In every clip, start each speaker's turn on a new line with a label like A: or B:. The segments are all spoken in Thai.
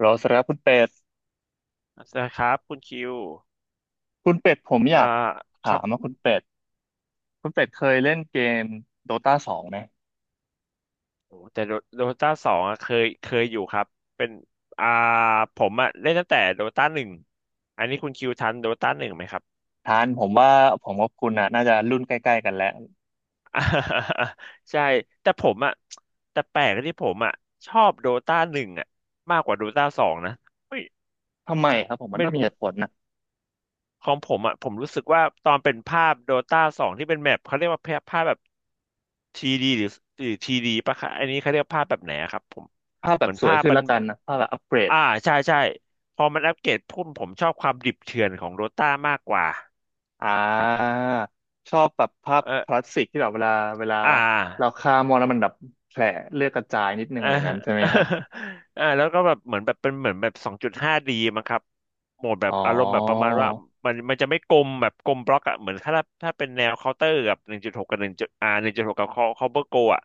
A: เราสำหรับคุณเป็ด
B: นะครับคุณคิว
A: คุณเป็ดผมอยา
B: อ่า
A: ก
B: ค
A: ถา
B: รับ
A: มว่าคุณเป็ดเคยเล่นเกมโดตาสองไหม
B: โอ้แต่โดตาสองอะเคยอยู่ครับเป็นอ่าผมอะเล่นตั้งแต่โดตาหนึ่งอันนี้คุณคิวทันโดตาหนึ่งไหมครับ
A: ทานผมว่าผมกับคุณน่ะน่าจะรุ่นใกล้ๆกันแล้ว
B: ใช่แต่ผมอะแต่แปลกที่ผมอะชอบโดตาหนึ่งอะมากกว่าโดตาสองนะเฮ้ย
A: ทำไมครับผมมัน
B: ไม่
A: ต้องมีเหตุผลนะ
B: ของผมอะผมรู้สึกว่าตอนเป็นภาพโดตาสองที่เป็นแมปเขาเรียกว่าภาพแบบทีดีหรือหรือทีดีปะคะอันนี้เขาเรียกภาพแบบไหนอะครับผม
A: ภาพแบ
B: เหมื
A: บ
B: อน
A: สวย
B: ภาพ
A: ขึ้น
B: มัน
A: ละกันนะภาพแบบอัปเกรด
B: อ่าใช่ใช่พอมันอัปเกรดพุ่มผมชอบความดิบเถื่อนของโดต้ามากกว่า
A: อ่าชอบแบบภาพ
B: เอ
A: คลา
B: อ
A: สสิกที่แบบเวลา
B: อ่
A: เรา
B: า
A: ฆ่ามอนแล้วมันแบบแผลเลือดกระจายนิดนึง
B: เออ
A: อะไรอย่างนั้นใช่ไหมฮะ
B: เแล้วก็แบบเหมือนแบบเป็นเหมือนแบบสองจุดห้าดีมั้งครับโหมดแบ
A: อ๋
B: บ
A: อ
B: อารมณ์แบบประมาณว่ามันจะไม่กลมแบบกลมบล็อกอะเหมือนถ้าเป็นแนวเคาน์เตอร์กับหนึ่งจุดหกกับหนึ่งจุดหกกับเคาน์เตอร์โกอะ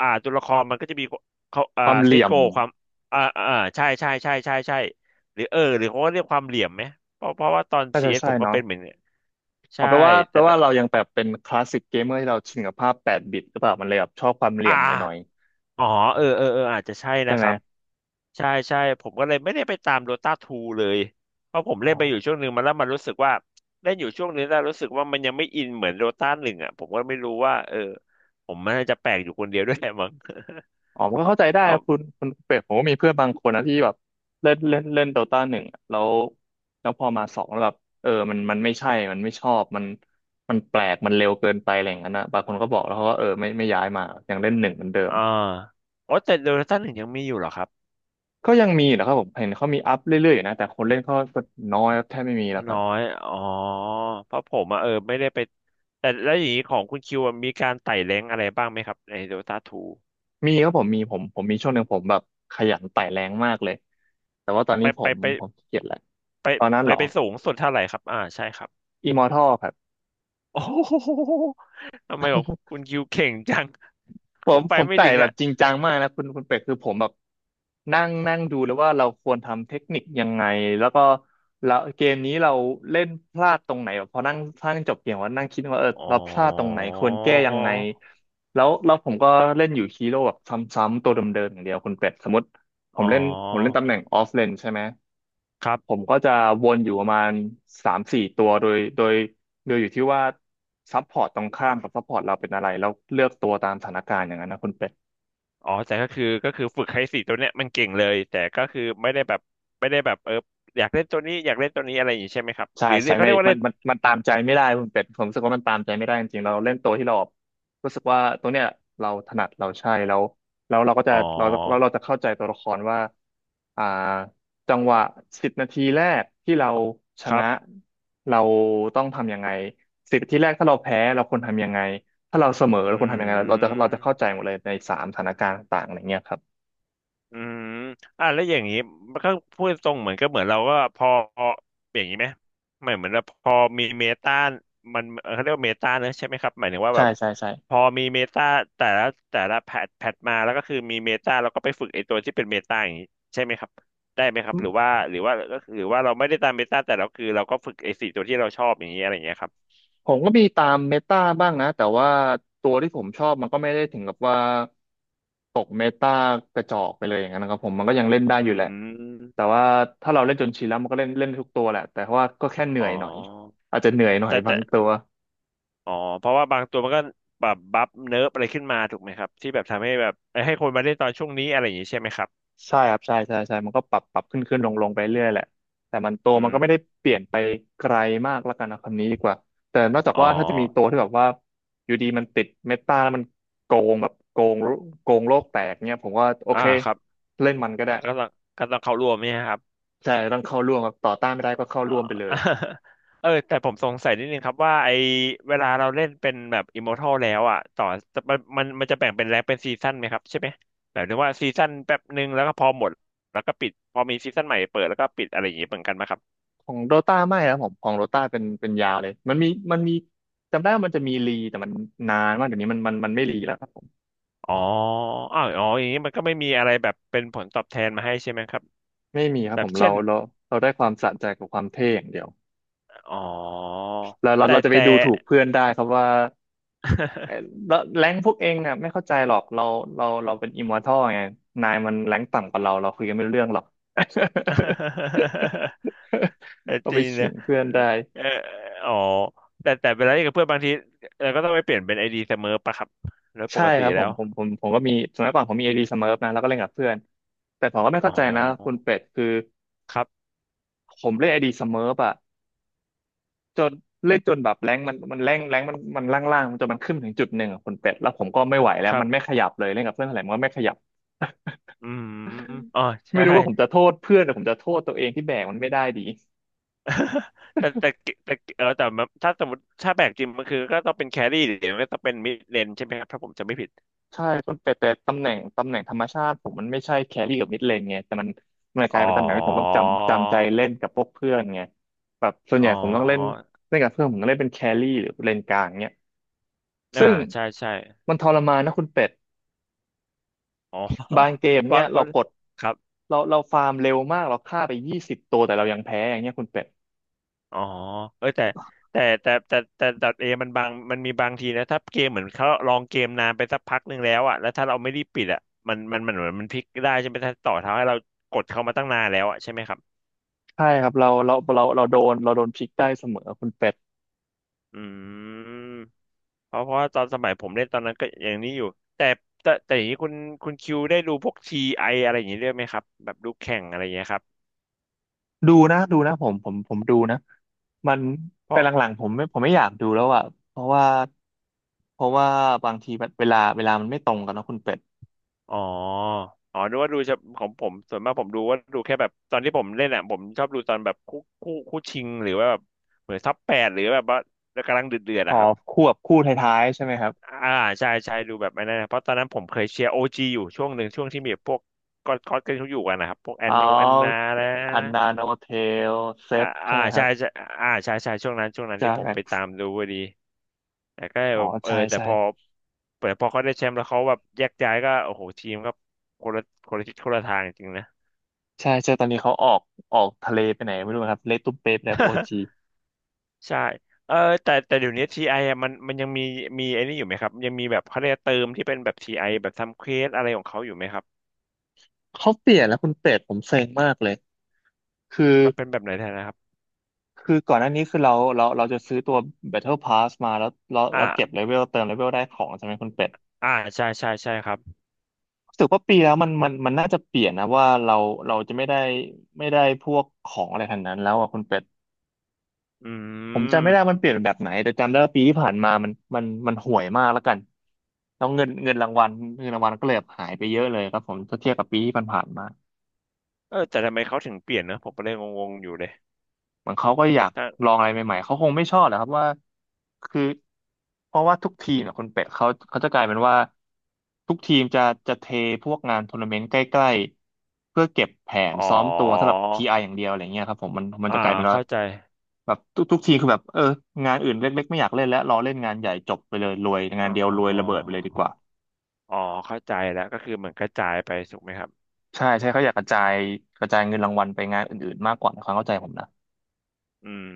B: อ่าตัวละครมันก็จะมีเขา
A: ความเห
B: เซต
A: ลี่ยม
B: โกความใช่ใช่ใช่ใช่ใช่หรือหรือเขาก็เรียกความเหลี่ยมไหมเพราะว่าตอน
A: น่า
B: ซี
A: จะ
B: เอส
A: ใช่
B: ผมก็
A: เนาะ
B: เป็นเหมือน ใช่
A: เอาแปลว่าแป
B: แต่
A: ลว่าเรายังแบบเป็นคลาสสิกเกมเมอร์ที่เราชินกับภาพ8 บิตหรือเปล่ามันเลยแบบชอบความเหลี่ย
B: อ่า
A: มหน่อย
B: อ๋อเออเออเอออาจจะใช่
A: ๆใช่
B: นะค
A: ไหม
B: รับใช่ใช่ผมก็เลยไม่ได้ไปตามโดตาทูเลยเพราะผม
A: อ๋
B: เล่
A: อ
B: นไปอยู่ช่วงหนึ่งมาแล้วมันรู้สึกว่าเล่นอยู่ช่วงนึงแล้วรู้สึกว่ามันยังไม่อินเหมือนโดตาหนึ่งอ่ะผมก็ไม่รู้ว่าเออผมมันน่าจะแปลกอยู่คนเดียวด้วย แหละมั้ง
A: อ๋อมันก็เข้าใจได้
B: เพ
A: ครั
B: ราะ
A: บคุณเป็ดผมก็มีเพื่อนบางคนนะที่แบบเล่นเล่นเล่นโดตาหนึ่งอะแล้วพอมาสองแล้วแบบเออมันไม่ใช่มันไม่ชอบมันมันแปลกมันเร็วเกินไปอะไรอย่างนั้นนะบางคนก็บอกแล้วเขาก็เออไม่ย้ายมายังเล่นหนึ่งเหมือนเดิม
B: อ่าอ๋อแต่โดตาหนึ่งยังมีอยู่เหรอครับ
A: ก็ยังมีนะครับผมเห็นเขามีอัพเรื่อยๆอยู่นะแต่คนเล่นเขาก็น้อยครับแทบไม่มีแล้วครั
B: น้อ
A: บ
B: ยอ๋อเพราะผมอ่ะเออไม่ได้ไปแต่แล้วอย่างนี้ของคุณคิวอะมีการไต่แรงอะไรบ้างไหมครับในโดตาทู
A: มีครับผมมีผมมีช่วงหนึ่งผมแบบขยันไต่แรงมากเลยแต่ว่าตอน
B: ไป
A: นี้ผ
B: ไป
A: ม
B: ไป
A: ผมขี้เกียจแล้ว
B: ไป
A: ตอนนั้น
B: ไป
A: เหรอ
B: ไปสูงสุดเท่าไหร่ครับ อ่าใช่ครับ
A: อิมอร์ทัครับ
B: โอ้โหทำไมบอกคุณคิวเก่งจัง
A: ผ
B: ผ
A: ม
B: มไป
A: ผม
B: ไม่
A: ไต่
B: ถึง
A: แบบ
B: อ่ะ
A: จริงจังมากนะคุณเป็ดคือผมแบบนั่งนั่งดูแล้วว่าเราควรทำเทคนิคยังไงแล้วก็แล้วเกมนี้เราเล่นพลาดตรงไหนแบบพอนั่งพลาดจบเกมว่านั่งคิดว่าเออ
B: อ๋อ
A: เราพลาดตรงไหนควรแก้ยังไงแล้วผมก็เล่นอยู่ฮีโร่แบบซ้ำๆตัวเดิมๆอย่างเดียวคุณเป็ดสมมติผ
B: อ๋
A: มเล่น
B: อ
A: ตำแหน่งออฟเลนใช่ไหม
B: ครั
A: ผม
B: บ
A: ก็จะวนอยู่ประมาณ3-4 ตัวโดยอยู่ที่ว่าซัพพอร์ตตรงข้ามกับซัพพอร์ตเราเป็นอะไรแล้วเลือกตัวตามสถานการณ์อย่างนั้นนะคุณเป็ด
B: อ๋อแต่ก็คือฝึกให้สี่ตัวเนี้ยมันเก่งเลยแต่ก็คือไม่ได้แบบไม่ได้แบบเอออยากเล่นตัวนี้อยากเล่นตัวนี้อะไรอย่างนี้ใช่ไหมครับ
A: ใช่
B: หรือ
A: ใช่
B: เขา
A: ใน
B: เรียกว่า
A: มั
B: เล่
A: น
B: น
A: มันมันตามใจไม่ได้คุณเป็ดผมรู้สึกว่ามันตามใจไม่ได้จริงๆเราเล่นตัวที่เรารู้สึกว่าตัวเนี้ยเราถนัดเราใช่แล้วแล้วเราก็จะ
B: อ๋อ
A: เราจะเข้าใจตัวละครว่าอ่าจังหวะสิบนาทีแรกที่เราช
B: ครั
A: นะ
B: บ
A: เราต้องทำยังไงสิบนาทีแรกถ้าเราแพ้เราควรทำยังไงถ้าเราเสมอเรา
B: อื
A: ควรทำยังไงเราจะเข้าใจ
B: ม
A: หมดเลยในสามสถานการณ์ต่างๆอะไรเงี้ยครับ
B: อืมอ่ะแล้วอย่างนี้มันก็พูดตรงเหมือนก็เหมือนเราก็พออย่างนี้ไหมไม่เหมือนเราพอมีเมตามันเขาเรียกว่าเมตาเนอะใช่ไหมครับหมายถึงว่า
A: ใช่
B: แบบ
A: ใช่ใช่
B: พอมีเมตาแต่ละแต่ละแพทมาแล้วก็คือมีเมตาแล้วก็ไปฝึกไอ้ตัวที่เป็นเมตาอย่างนี้ใช่ไหมครับได้ไหมครับหรือว่าเราไม่ได้ตามเมตาแต่เราคือเราก็ฝึกไอ้สี่ตัวที่เราชอบอย่างนี้อะไรอย่างเงี้ยครับ
A: ผมก็มีตามเมตาบ้างนะแต่ว่าตัวที่ผมชอบมันก็ไม่ได้ถึงกับว่าตกเมตากระจอกไปเลยอย่างนั้นนะครับผมมันก็ยังเล่นได้
B: อื
A: อยู่แหละ
B: ม
A: แต่ว่าถ้าเราเล่นจนชินแล้วมันก็เล่นเล่นทุกตัวแหละแต่ว่าก็แค่เหนื่
B: อ๋
A: อ
B: อ
A: ยหน่อยอาจจะเหนื่อยหน่อยบา
B: แต่
A: งตัว
B: อ๋อเพราะว่าบางตัวมันก็แบบบัฟเนิร์ฟอะไรขึ้นมาถูกไหมครับที่แบบทำให้แบบเอ้ยให้คนมาเล่นตอนช่วงนี้อะไรอย่างนี้ใช่ไหมครับ
A: ใช่ครับใช่ใช่ใช่มันก็ปรับขึ้นขึ้นลงลงไปเรื่อยแหละแต่มันโตว
B: อื
A: มัน
B: ม
A: ก็ไม่ได้เปลี่ยนไปไกลมากละกันนะคำนี้ดีกว่าแต่นอกจาก
B: อ๋อ
A: ว่าถ้าจะมีตัวที่แบบว่าอยู่ดีมันติดเมตาแล้วมันโกงแบบโกงโลกแตกเนี่ยผมว่าโอ
B: อ่า
A: เค
B: ครับ
A: เล่นมันก็ได้
B: ก็ต้องเข้าร่วมเนี่ยครับ
A: ใช่ต้องเข้าร่วมครับต่อต้านไม่ได้ก็เข้า
B: อ๋อ
A: ร่วมไปเลย
B: เออแต่ผมสงสัยนิดนึงครับว่าไอเวลาเราเล่นเป็นแบบอิมมอร์ทัลแล้วอ่ะต่อมันจะแบ่งเป็นแรงเป็นซีซั่นไหมครับใช่ไหมแบบนึกว่าซีซั่นแป๊บหนึ่งแล้วก็พอหมดแล้วก็ปิดพอมีซีซั่นใหม่เปิดแล้วก็ปิดอะไรอย่างนี้เหมือนกันไหมครับ
A: ของโดตาไม่ครับผมของโดตาเป็นยาวเลยมันมีมันมีจำได้ว่ามันจะมีรีแต่มันนานมากเดี๋ยวนี้มันไม่รีแล้วครับผม
B: อ๋ออ้าวอ๋ออย่างนี้มันก็ไม่มีอะไรแบบเป็นผลตอบแทนมาให้ใช่ไหมครับ
A: ไม่มีครับ
B: แบ
A: ผ
B: บ
A: ม
B: เช่
A: เรา
B: น
A: เราเราได้ความสะใจกับความเท่อย่างเดียว
B: อ๋อ
A: เราเราเราจะไป
B: แต่
A: ดูถูกเพื่อนได้ครับว่าเอ่อ แล้วแรงพวกเองเนี่ยไม่เข้าใจหรอกเราเป็นอิมมอร์ทัลไงนายมันแรงต่ำกว่าเราเราคุยกันไม่รู้เรื่องหรอก
B: เออ
A: ก็
B: จ
A: ไป
B: ริง
A: ขิ
B: นะ
A: งเพื่อนได้
B: เอออ๋อแต่เวลาเล่นกับเพื่อนบางทีเราก็ต้องไปเปลี่ยนเป็นไอดีเสมอปะครับ แล้วป
A: ใช่
B: กติ
A: ครับผ
B: แล้
A: ม
B: ว
A: ผมผมผมก็มีสมัยก่อนผมมีไอดีสมิร์นะแล้วก็เล่นกับเพื่อนแต่ผมก็ไม่
B: อ๋
A: เข้าใจนะคุณ
B: อ
A: เป็ดคือ
B: ครับ
A: ผมเล่นไอดีสมิร์อะจนเล่นจนแบบแรงค์มันแรงค์แรงค์มันมันล่างๆจนมันขึ้นถึงจุดหนึ่งอะคุณเป็ดแล้วผมก็ไม่ไหวแล้
B: ค
A: ว
B: รั
A: มันไม่
B: บ
A: ขยับเลยเล่นกับเพื่อนเท่าไหร่มันก็ไม่ขยับ
B: อืมอ๋อ
A: ไม่
B: ใช่
A: รู้ว่าผมจะโทษเพื่อนหรือผมจะโทษตัวเองที่แบกมันไม่ได้ดี
B: แต่แต่แต่เออแต่แบบถ้าสมมติถ้าแบกจริงมันคือก็ต้องเป็นแครี่เดี๋ยวนก็ต้องเป็นมิดเลนใช่ไหมครับถ้าผมจำไม่ผิด
A: ใช่ต้นแต่ตำแหน่งธรรมชาติผมมันไม่ใช่แครี่กับมิดเลนไงแต่มันกลาย
B: อ๋อ
A: เป็นตำแหน่งที่ผมต้องจำใจเล่นกับพวกเพื่อนไงแบบส่วน
B: อ๋
A: ใหญ่
B: อ
A: ผมต้องเล่นเล่นกับเพื่อนผมก็เล่นเป็นแครี่หรือเลนกลางเนี่ย
B: อ่า
A: ซึ่ง
B: ใช่ ใช่
A: มันทรมานนะคุณเป็ด
B: อ๋อ
A: บา งเกมเนี้ย
B: เพ
A: เรา
B: ราะ
A: กด
B: ครับ
A: เราฟาร์มเร็วมากเราฆ่าไปยี่สิบตัวแต่เรายังแพ้อย่างเงี้ยคุณเป็ด
B: อ๋อเอ้ยแต่ดอทเอมันบางมันมีบางทีนะถ้าเกมเหมือนเขาลองเกมนานไปสักพักหนึ่งแล้วอ่ะแล้วถ้าเราไม่รีบปิดอ่ะมันเหมือนมันพลิกได้ใช่ไหมถ้าต่อเท้าให้เรากดเข้ามาตั้งนานแล้วอ่ะใช่ไหมครับ
A: ใช่ครับเราเราเราเราโดนเราโดนพลิกได้เสมอคุณเป็ด
B: อืมเพราะว่าตอนสมัยผมเล่นตอนนั้นก็อย่างนี้อยู่แต่อย่างนี้คุณคิวได้ดูพวกทีไออะไรอย่างนี้ด้วยไหมครับแบบดูแข่งอะไรอย่างเงี้ยครับ
A: ดูนะดูนะผมดูนะมันแต่หลังๆผมไม่อยากดูแล้วอ่ะเพราะว่าเพราะว่าบางทีแบบเวลามันไม่ตรงกันเนอะคุณเป็ด
B: อ๋ออ๋อดูว่าดูเฉพาะของผมส่วนมากผมดูว่าดูแค่แบบตอนที่ผมเล่นอ่ะผมชอบดูตอนแบบคู่ชิงหรือว่าแบบเหมือนซับแปดหรือแบบว่ากำลังเดือดเดือด
A: อ๋อ
B: อะครับ
A: คู่บบคู่ท้ายๆใช่ไหมครับ
B: อ่าใช่ใช่ดูแบบไอ้นั่นนะเพราะตอนนั้นผมเคยเชียร์โอจีอยู่ช่วงหนึ่งช่วงที่มีพวกก็อดกันเขาอยู่กันนะครับพวก
A: ออ
B: แอนนาแล้ว
A: อัน
B: นะ
A: นาโนเทลเซ
B: อ่า
A: ฟใช่
B: อ่า
A: ไหมครั
B: ใช่
A: บ
B: ใช่อ่าใช่ใช่ช่วงนั้น
A: จา
B: ที่ผม
A: แร็
B: ไป
A: ก
B: ตามดูพอดีแต่ก็
A: อ๋อ
B: แบบเออ
A: ใช่
B: แต่
A: ใช่
B: พอแต่พอเขาได้แชมป์แล้วเขาแบบแยกย้ายก็โอ้โหทีมก็คนละคนละทิศคนละทางจริงนะ
A: ใช่ใช่ตอนนี้เขาออกทะเลไปไหนไม่รู้ครับเลตุเปปแล้วโอจี
B: ใช่เออแต่เดี๋ยวนี้ทีไอ่ะมันยังมีมีไอ้นี่อยู่ไหมครับยังมีแบบเขาเรียกเติมที่เป็นแบบทีไอแบบทำเควสอะไรของเขาอยู่ไหมครับ
A: เขาเปลี่ยนแล้วคุณเป็ดผมเซ็งมากเลยคือ
B: มันเป็นแบบไหนแทนนะครับ
A: คือก่อนหน้านี้คือเราจะซื้อตัว Battle Pass มาแล้วเราเก็บ
B: อ่า
A: เลเวลเติมเลเวลได้ของใช่ไหมคุณเป็ด
B: อ่าใช่ใช่ครับ
A: รู้สึกว่าปีแล้วมันน่าจะเปลี่ยนนะว่าเราจะไม่ได้พวกของอะไรทางนั้นแล้วอ่ะคุณเป็ด
B: อื
A: ผมจำไม่ได้
B: ม
A: มันเปลี่ยนแบบไหนแต่จำได้ว่าปีที่ผ่านมามันห่วยมากแล้วกันแล้วเงินรางวัลก็เลยแบบหายไปเยอะเลยครับผมถ้าเทียบกับปีที่ผ่านๆมา
B: เออแต่ทำไมเขาถึงเปลี่ยนนะผมก็เลยงงๆอยู่เลย
A: เหมือนเขาก็อยาก
B: ถ้า
A: ลองอะไรใหม่ๆเขาคงไม่ชอบแหละครับว่าคือเพราะว่าทุกทีมเนยคนเป็ดเขาจะกลายเป็นว่าทุกทีมจะเทพวกงานทัวร์นาเมนต์ใกล้ๆเพื่อเก็บแผน
B: อ๋อ
A: ซ้อมตัวสำหรับทีไออย่างเดียวอะไรเงี้ยครับผมมัน
B: อ่า
A: จะกลายเป็นว่า
B: เข้าใจ
A: แบบทุกทีคือแบบเอองานอื่นเล็กๆไม่อยากเล่นแล้วรอเล่นงานใหญ่จบไปเลยรวยงา
B: อ๋
A: น
B: อ
A: เดียวรวยระเบิดไปเลยดีกว่า
B: อ๋อเข้าใจแล้วก็คือเหมือนกระจายไปถูกไหมครับ
A: ใช่ใช่เขาอยากกระจายเงินรางวัลไปงานอื่นๆมากกว่าในความเข้าใจผมนะ
B: อืม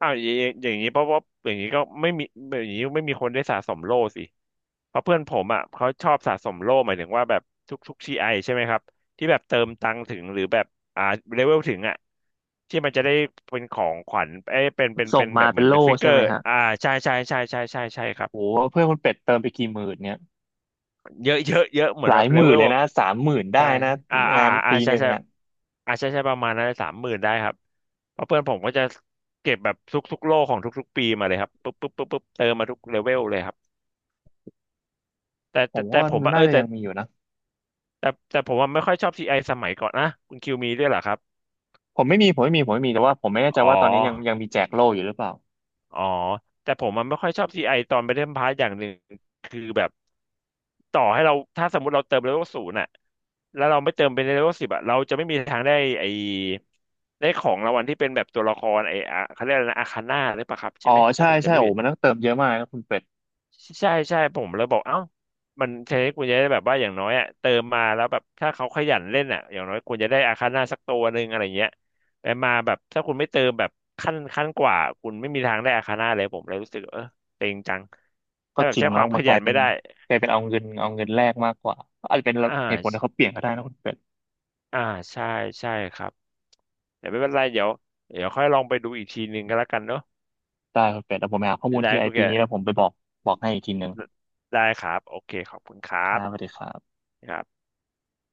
B: อ้าวอย่างนี้เพราะว่าอย่างนี้ก็ไม่มีอย่างนี้ไม่มีคนได้สะสมโล่สิ เพราะเพื่อนผมอ่ะเขาชอบสะสมโล่หมายถึงว่าแบบทุกทีไอใช่ไหมครับที่แบบเติมตังค์ถึงหรือแบบอ่าเลเวลถึงอ่ะที่มันจะได้เป็นของขวัญเอ้ยเป็นเป็น
A: ส่
B: เป็
A: ง
B: นแบ
A: มา
B: บเห
A: เป็
B: มื
A: น
B: อน
A: โล่
B: เป็นฟิกเก
A: ใช่
B: อ
A: ไหม
B: ร์
A: ฮะ
B: อ่าใช่ใช่ครับ
A: โหเพื่อนคุณเป็ดเติมไปกี่หมื่นเนี่ย
B: เยอะเยอะเยอะเหมือ
A: ห
B: น
A: ลา
B: แบ
A: ย
B: บ
A: ห
B: เล
A: มื่
B: เว
A: น
B: ล
A: เลย
B: แบบ
A: นะสามหมื่นได้
B: ใช่
A: นะ
B: อ่า
A: งาน
B: อ่า
A: ปี
B: ใช่
A: หนึ่ง
B: ใช่
A: อ่ะ
B: อ่าใช่ใช่ประมาณนั้นสามหมื่นได้ครับ เพราะเพื่อนผมก็จะเก็บแบบทุกๆโลของทุกๆปีมาเลยครับปุ๊บปุ๊บปุ๊บปุ๊บเติมมาทุกเลเวลเลยครับแต่
A: ผ
B: แต่
A: ม
B: แต่
A: ว่า
B: ผม
A: มัน
B: ว่าเอ
A: น่า
B: อ
A: จะ
B: แต่
A: ยังมีอยู่นะ
B: ผมว่าไม่ค่อยชอบซีไอสมัยก่อนนะคุณคิวมีด้วยเหรอครับ
A: ผมไม่มีแต่ว่าผมไม่แน่ใจ
B: อ๋อ
A: ว่าตอนนี้ยังมีแจกโล่อยู่หรือเปล่า
B: อ๋อแต่ผมมันไม่ค่อยชอบซีไอตอนไปเล่นพาร์ทอย่างหนึ่งคือแบบต่อให้เราถ้าสมมติเราเติมเลเวลศูนย์อะแล้วเราไม่เติมเป็นเลเวลสิบอะเราจะไม่มีทางได้ไอได้ของรางวัลที่เป็นแบบตัวละครไออะเขาเรียกอะไรนะอาคาน่าหรือเปล่าครับ
A: อ๋
B: ใช่
A: อ
B: ไหมถ้า
A: ใช่
B: ผม
A: ใช่
B: จำไม่
A: โอ้
B: ผิด
A: มันต้องเติมเยอะมากนะคุณเป็ด
B: ใช่ผมเลยบอกเอ้ามันใช้คุณจะได้แบบว่าอย่างน้อยอ่ะเติมมาแล้วแบบถ้าเขาขยันเล่นอ่ะอย่างน้อยคุณจะได้อาคาน่าสักตัวหนึ่งอะไรเงี้ยแต่มาแบบถ้าคุณไม่เติมแบบขั้นกว่าคุณไม่มีทางได้อาคาน่าเลยผมเลยรู้สึกเออเต็งจัง
A: ก็
B: ถ้าแบ
A: จ
B: บ
A: ริง
B: ใช้ค
A: เนาะ
B: วามข
A: มันก
B: ยั
A: ลาย
B: น
A: เป็
B: ไม่
A: น
B: ได้
A: เอาเงินแลกมากกว่าอาจจะเป็น
B: อ่
A: เหตุ
B: า
A: ผลที่เขาเปลี่ยนก็ได้นะคุณเป็ด
B: อ่าใช่ใช่ครับแต่ไม่เป็นไรเดี๋ยวค่อยลองไปดูอีกทีหนึ่งก็แล้วกันเนาะ
A: ได้คุณเป็ดแล้วผมไปหาข้อมูล
B: ได้
A: ที่ไอ
B: คุณ
A: ปี
B: แก
A: นี้แล้วผมไปบอกให้อีกทีหนึ่ง
B: ได้ครับโอเคขอบคุณค
A: ค
B: รับ
A: รับสวัสดีครับ
B: ครับ